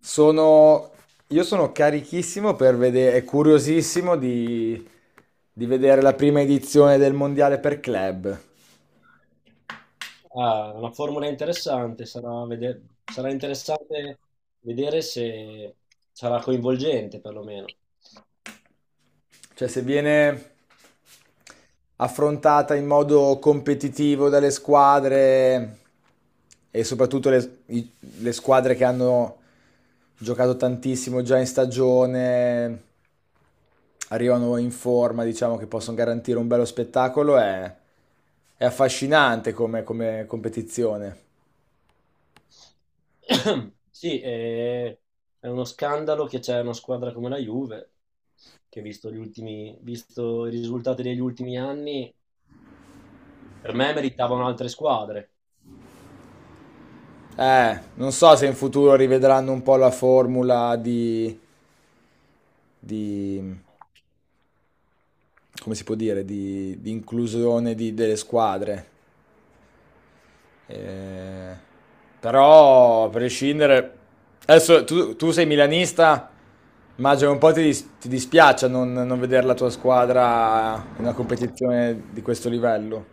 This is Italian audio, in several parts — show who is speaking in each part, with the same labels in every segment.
Speaker 1: Sono, io sono carichissimo per vedere, e curiosissimo di vedere la prima edizione del Mondiale per club.
Speaker 2: Ah, una formula interessante, sarà, sarà interessante vedere se sarà coinvolgente perlomeno.
Speaker 1: Cioè, se viene affrontata in modo competitivo dalle squadre e soprattutto le squadre che hanno giocato tantissimo già in stagione, arrivano in forma, diciamo che possono garantire un bello spettacolo, è affascinante come competizione.
Speaker 2: Sì, è uno scandalo che c'è una squadra come la Juve, che visto i risultati degli ultimi anni, per me meritavano altre squadre.
Speaker 1: Non so se in futuro rivedranno un po' la formula di come si può dire, di inclusione delle squadre. Eh, Però, a prescindere. Adesso tu sei milanista, immagino un po' ti dispiace non vedere la tua squadra in una competizione di questo livello.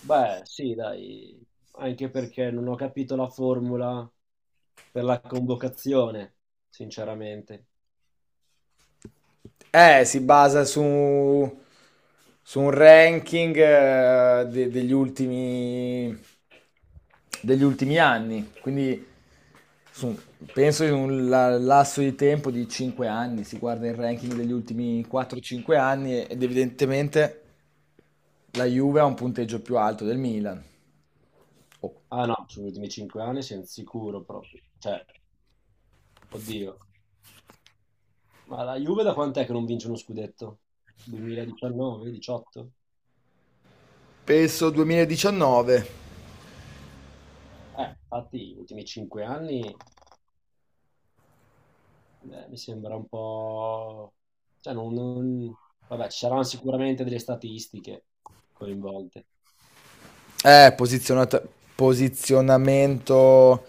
Speaker 2: Beh, sì, dai, anche perché non ho capito la formula per la convocazione, sinceramente.
Speaker 1: Si basa su un ranking degli ultimi anni, quindi su- penso in un lasso di tempo di 5 anni, si guarda il ranking degli ultimi 4-5 anni ed evidentemente la Juve ha un punteggio più alto del Milan. Oh.
Speaker 2: Ah no, sugli ultimi cinque anni siamo sicuro proprio. Cioè, oddio. Ma la Juve da quant'è che non vince uno scudetto? 2019, 18?
Speaker 1: Penso 2019.
Speaker 2: Infatti, gli ultimi cinque anni mi sembra un po'... Cioè, vabbè, ci saranno sicuramente delle statistiche coinvolte.
Speaker 1: Eh, posizionata- Posizionamento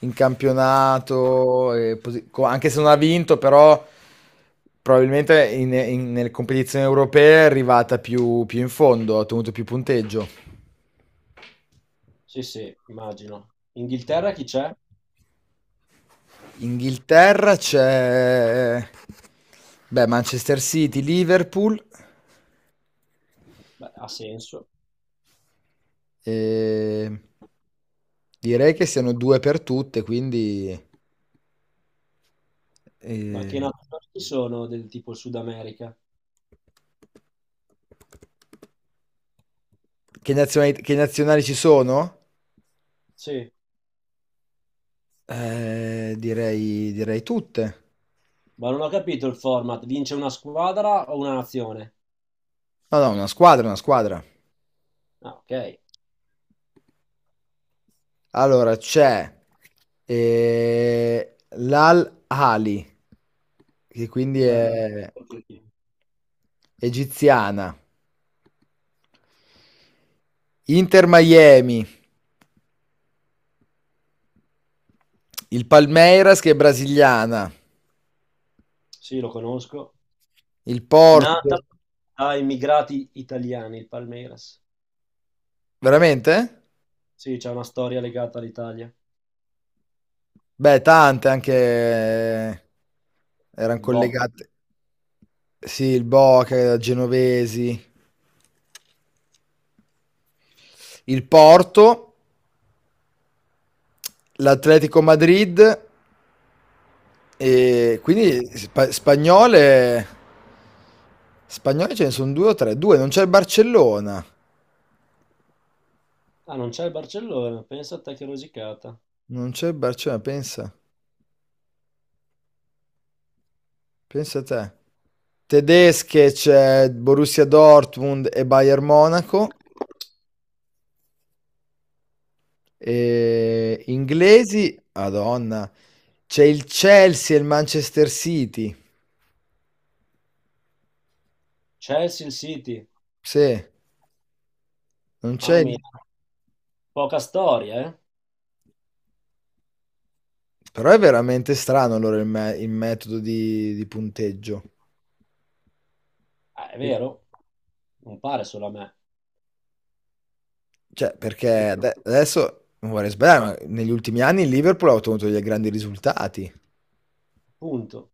Speaker 1: in campionato, e anche se non ha vinto, però probabilmente nelle competizioni europee è arrivata più in fondo, ha ottenuto più punteggio.
Speaker 2: Sì, sì, immagino. Inghilterra chi c'è?
Speaker 1: Inghilterra c'è, beh, Manchester City, Liverpool,
Speaker 2: Beh, ha senso.
Speaker 1: e direi che siano due per tutte, quindi...
Speaker 2: Ma
Speaker 1: eh,
Speaker 2: che nazioni ci sono del tipo Sud America?
Speaker 1: che nazionali ci sono?
Speaker 2: Sì,
Speaker 1: Direi tutte.
Speaker 2: ma non ho capito il format. Vince una squadra o una nazione?
Speaker 1: No, no, una squadra, una squadra.
Speaker 2: Ah, ok.
Speaker 1: Allora, c'è l'Al Ali, che quindi
Speaker 2: Bella
Speaker 1: è
Speaker 2: Argentina.
Speaker 1: egiziana. Inter Miami, il Palmeiras che è brasiliana,
Speaker 2: Sì, lo conosco.
Speaker 1: il
Speaker 2: Nata
Speaker 1: Porto.
Speaker 2: da immigrati italiani, il Palmeiras.
Speaker 1: Veramente?
Speaker 2: Sì, c'è una storia legata all'Italia.
Speaker 1: Beh, tante anche erano
Speaker 2: Il Boca.
Speaker 1: collegate. Sì, il Boca, genovesi, il Porto, l'Atletico Madrid, e quindi spagnole ce ne sono due o tre, due, non c'è il Barcellona,
Speaker 2: Ah, non c'è il Barcellona. Pensa a te che rosicata.
Speaker 1: non c'è il Barcellona, pensa te. Tedesche c'è Borussia Dortmund e Bayern Monaco, e inglesi, Madonna, c'è il Chelsea e il Manchester City,
Speaker 2: Chelsea, il City.
Speaker 1: sì, non c'è
Speaker 2: Mamma mia,
Speaker 1: il-
Speaker 2: poca storia, eh?
Speaker 1: Però è veramente strano allora il metodo di punteggio.
Speaker 2: Ah, è vero, non pare solo a me.
Speaker 1: Cioè,
Speaker 2: E-
Speaker 1: perché adesso non vorrei sbagliare, ma negli ultimi anni il Liverpool ha ottenuto dei grandi risultati.
Speaker 2: Appunto.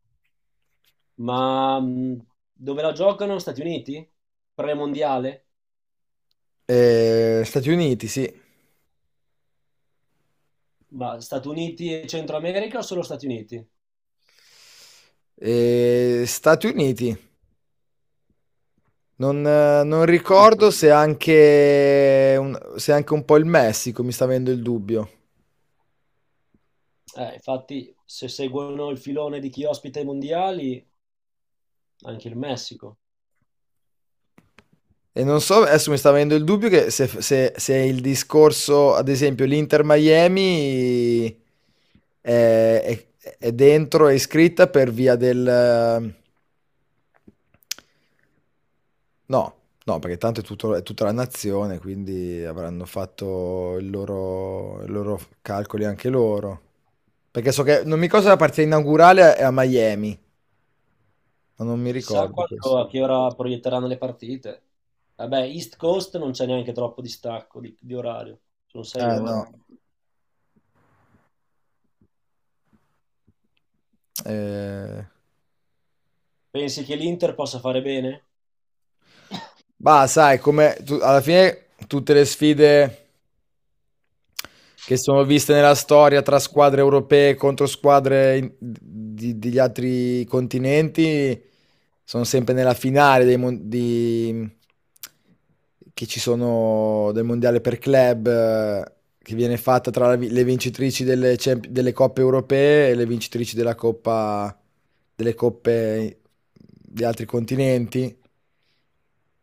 Speaker 2: Ma dove la giocano? Stati Uniti? Premondiale?
Speaker 1: Stati Uniti, sì.
Speaker 2: Ma Stati Uniti e Centro America o solo Stati Uniti?
Speaker 1: Stati Uniti. Non, non
Speaker 2: Secondo
Speaker 1: ricordo
Speaker 2: punito.
Speaker 1: se anche un po' il Messico mi sta avendo il dubbio.
Speaker 2: Infatti, se seguono il filone di chi ospita i mondiali, anche il Messico.
Speaker 1: E non so, adesso mi sta avendo il dubbio che se il discorso, ad esempio, l'Inter Miami è, è dentro, è iscritta per via del. No, no, perché tanto è tutta la nazione, quindi avranno fatto i loro calcoli anche loro. Perché so che non mi ricordo se la partita inaugurale è a Miami, ma non mi
Speaker 2: Chissà
Speaker 1: ricordo questo.
Speaker 2: quando, a che ora proietteranno le partite. Vabbè, East Coast non c'è neanche troppo distacco di, orario, sono sei
Speaker 1: Eh
Speaker 2: ore.
Speaker 1: no. Eh,
Speaker 2: Pensi che l'Inter possa fare bene?
Speaker 1: Bah, sai, alla fine tutte le sfide che sono viste nella storia tra squadre europee contro squadre degli altri continenti, sono sempre nella finale che ci sono del mondiale per club, che viene fatta tra le vincitrici delle coppe europee e le vincitrici della coppa, delle coppe di altri continenti.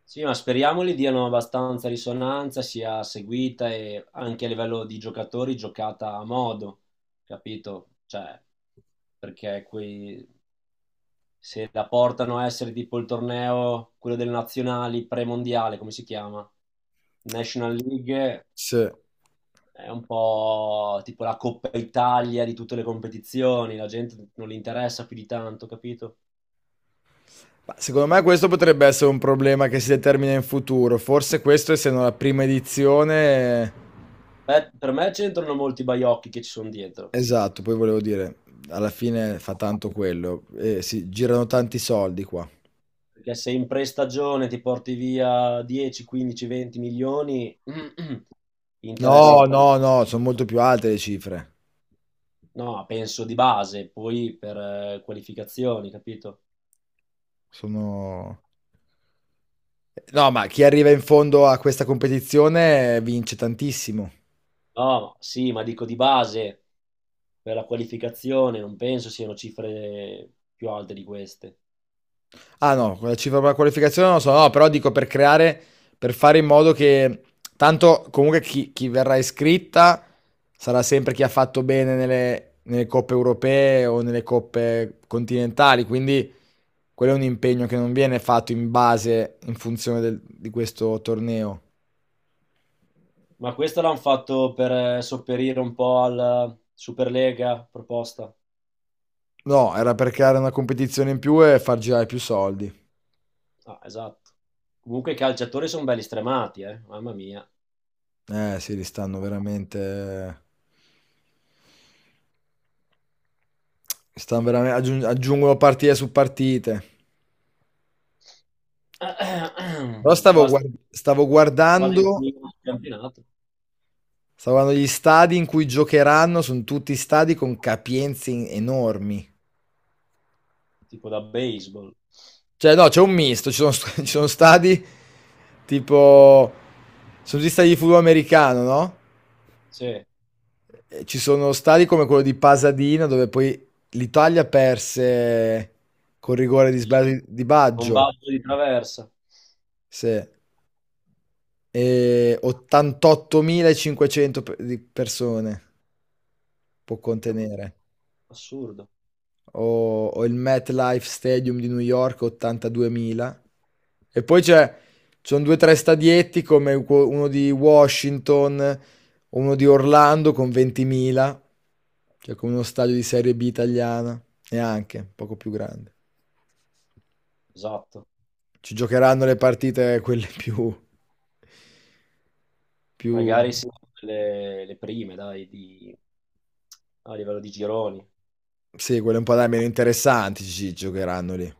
Speaker 2: Sì, ma speriamo gli diano abbastanza risonanza, sia seguita e anche a livello di giocatori giocata a modo, capito? Cioè, perché quei se la portano a essere tipo il torneo, quello delle nazionali premondiale, come si chiama? National League
Speaker 1: Sì.
Speaker 2: è un po' tipo la Coppa Italia di tutte le competizioni, la gente non li interessa più di tanto, capito?
Speaker 1: Ma secondo me questo potrebbe essere un problema che si determina in futuro. Forse questo, essendo la prima edizione,
Speaker 2: Beh, per me c'entrano molti baiocchi che ci sono dietro,
Speaker 1: esatto, poi volevo dire, alla fine fa tanto quello. Si girano tanti soldi qua.
Speaker 2: perché se in prestagione ti porti via 10, 15, 20 milioni, interessa un
Speaker 1: No, esatto.
Speaker 2: po'.
Speaker 1: No, no, sono molto più alte le cifre.
Speaker 2: No, penso di base, poi per qualificazioni, capito?
Speaker 1: Sono. No, ma chi arriva in fondo a questa competizione vince tantissimo.
Speaker 2: No, sì, ma dico di base, per la qualificazione, non penso siano cifre più alte di queste.
Speaker 1: Ah no, quella cifra per la qualificazione non lo so, no, però dico per creare, per fare in modo che tanto comunque chi verrà iscritta sarà sempre chi ha fatto bene nelle coppe europee o nelle coppe continentali, quindi quello è un impegno che non viene fatto in base, in funzione di questo torneo.
Speaker 2: Ma questo l'hanno fatto per sopperire un po' alla Superlega proposta.
Speaker 1: No, era per creare una competizione in più e far girare più soldi.
Speaker 2: Ah, esatto. Comunque i calciatori sono belli stremati, eh? Mamma mia.
Speaker 1: Eh sì, li stanno veramente. Stanno veramente aggiungono partite su partite. Però stavo, guar- stavo
Speaker 2: Vado in
Speaker 1: guardando,
Speaker 2: finire il campionato,
Speaker 1: stavo guardando gli stadi in cui giocheranno, sono tutti stadi con capienze enormi.
Speaker 2: tipo da baseball.
Speaker 1: Cioè, no, c'è un misto, ci sono, ci sono stadi tipo, sono tutti stadi di football americano, no?
Speaker 2: Sì,
Speaker 1: E ci sono stadi come quello di Pasadena, dove poi l'Italia perse col rigore di
Speaker 2: sì.
Speaker 1: sbaglio di Baggio,
Speaker 2: Combatto di traversa.
Speaker 1: sì. E 88.500 di persone può
Speaker 2: Dio,
Speaker 1: contenere.
Speaker 2: assurdo.
Speaker 1: O il MetLife Stadium di New York 82.000. E poi c'è, ci sono due o tre stadietti come uno di Washington, uno di Orlando con 20.000, cioè come uno stadio di Serie B italiana, neanche, poco più grande.
Speaker 2: Esatto.
Speaker 1: Ci giocheranno le partite quelle più,
Speaker 2: Magari sì, le prime, dai, a livello di gironi.
Speaker 1: sì, quelle un po' da meno interessanti, ci giocheranno lì.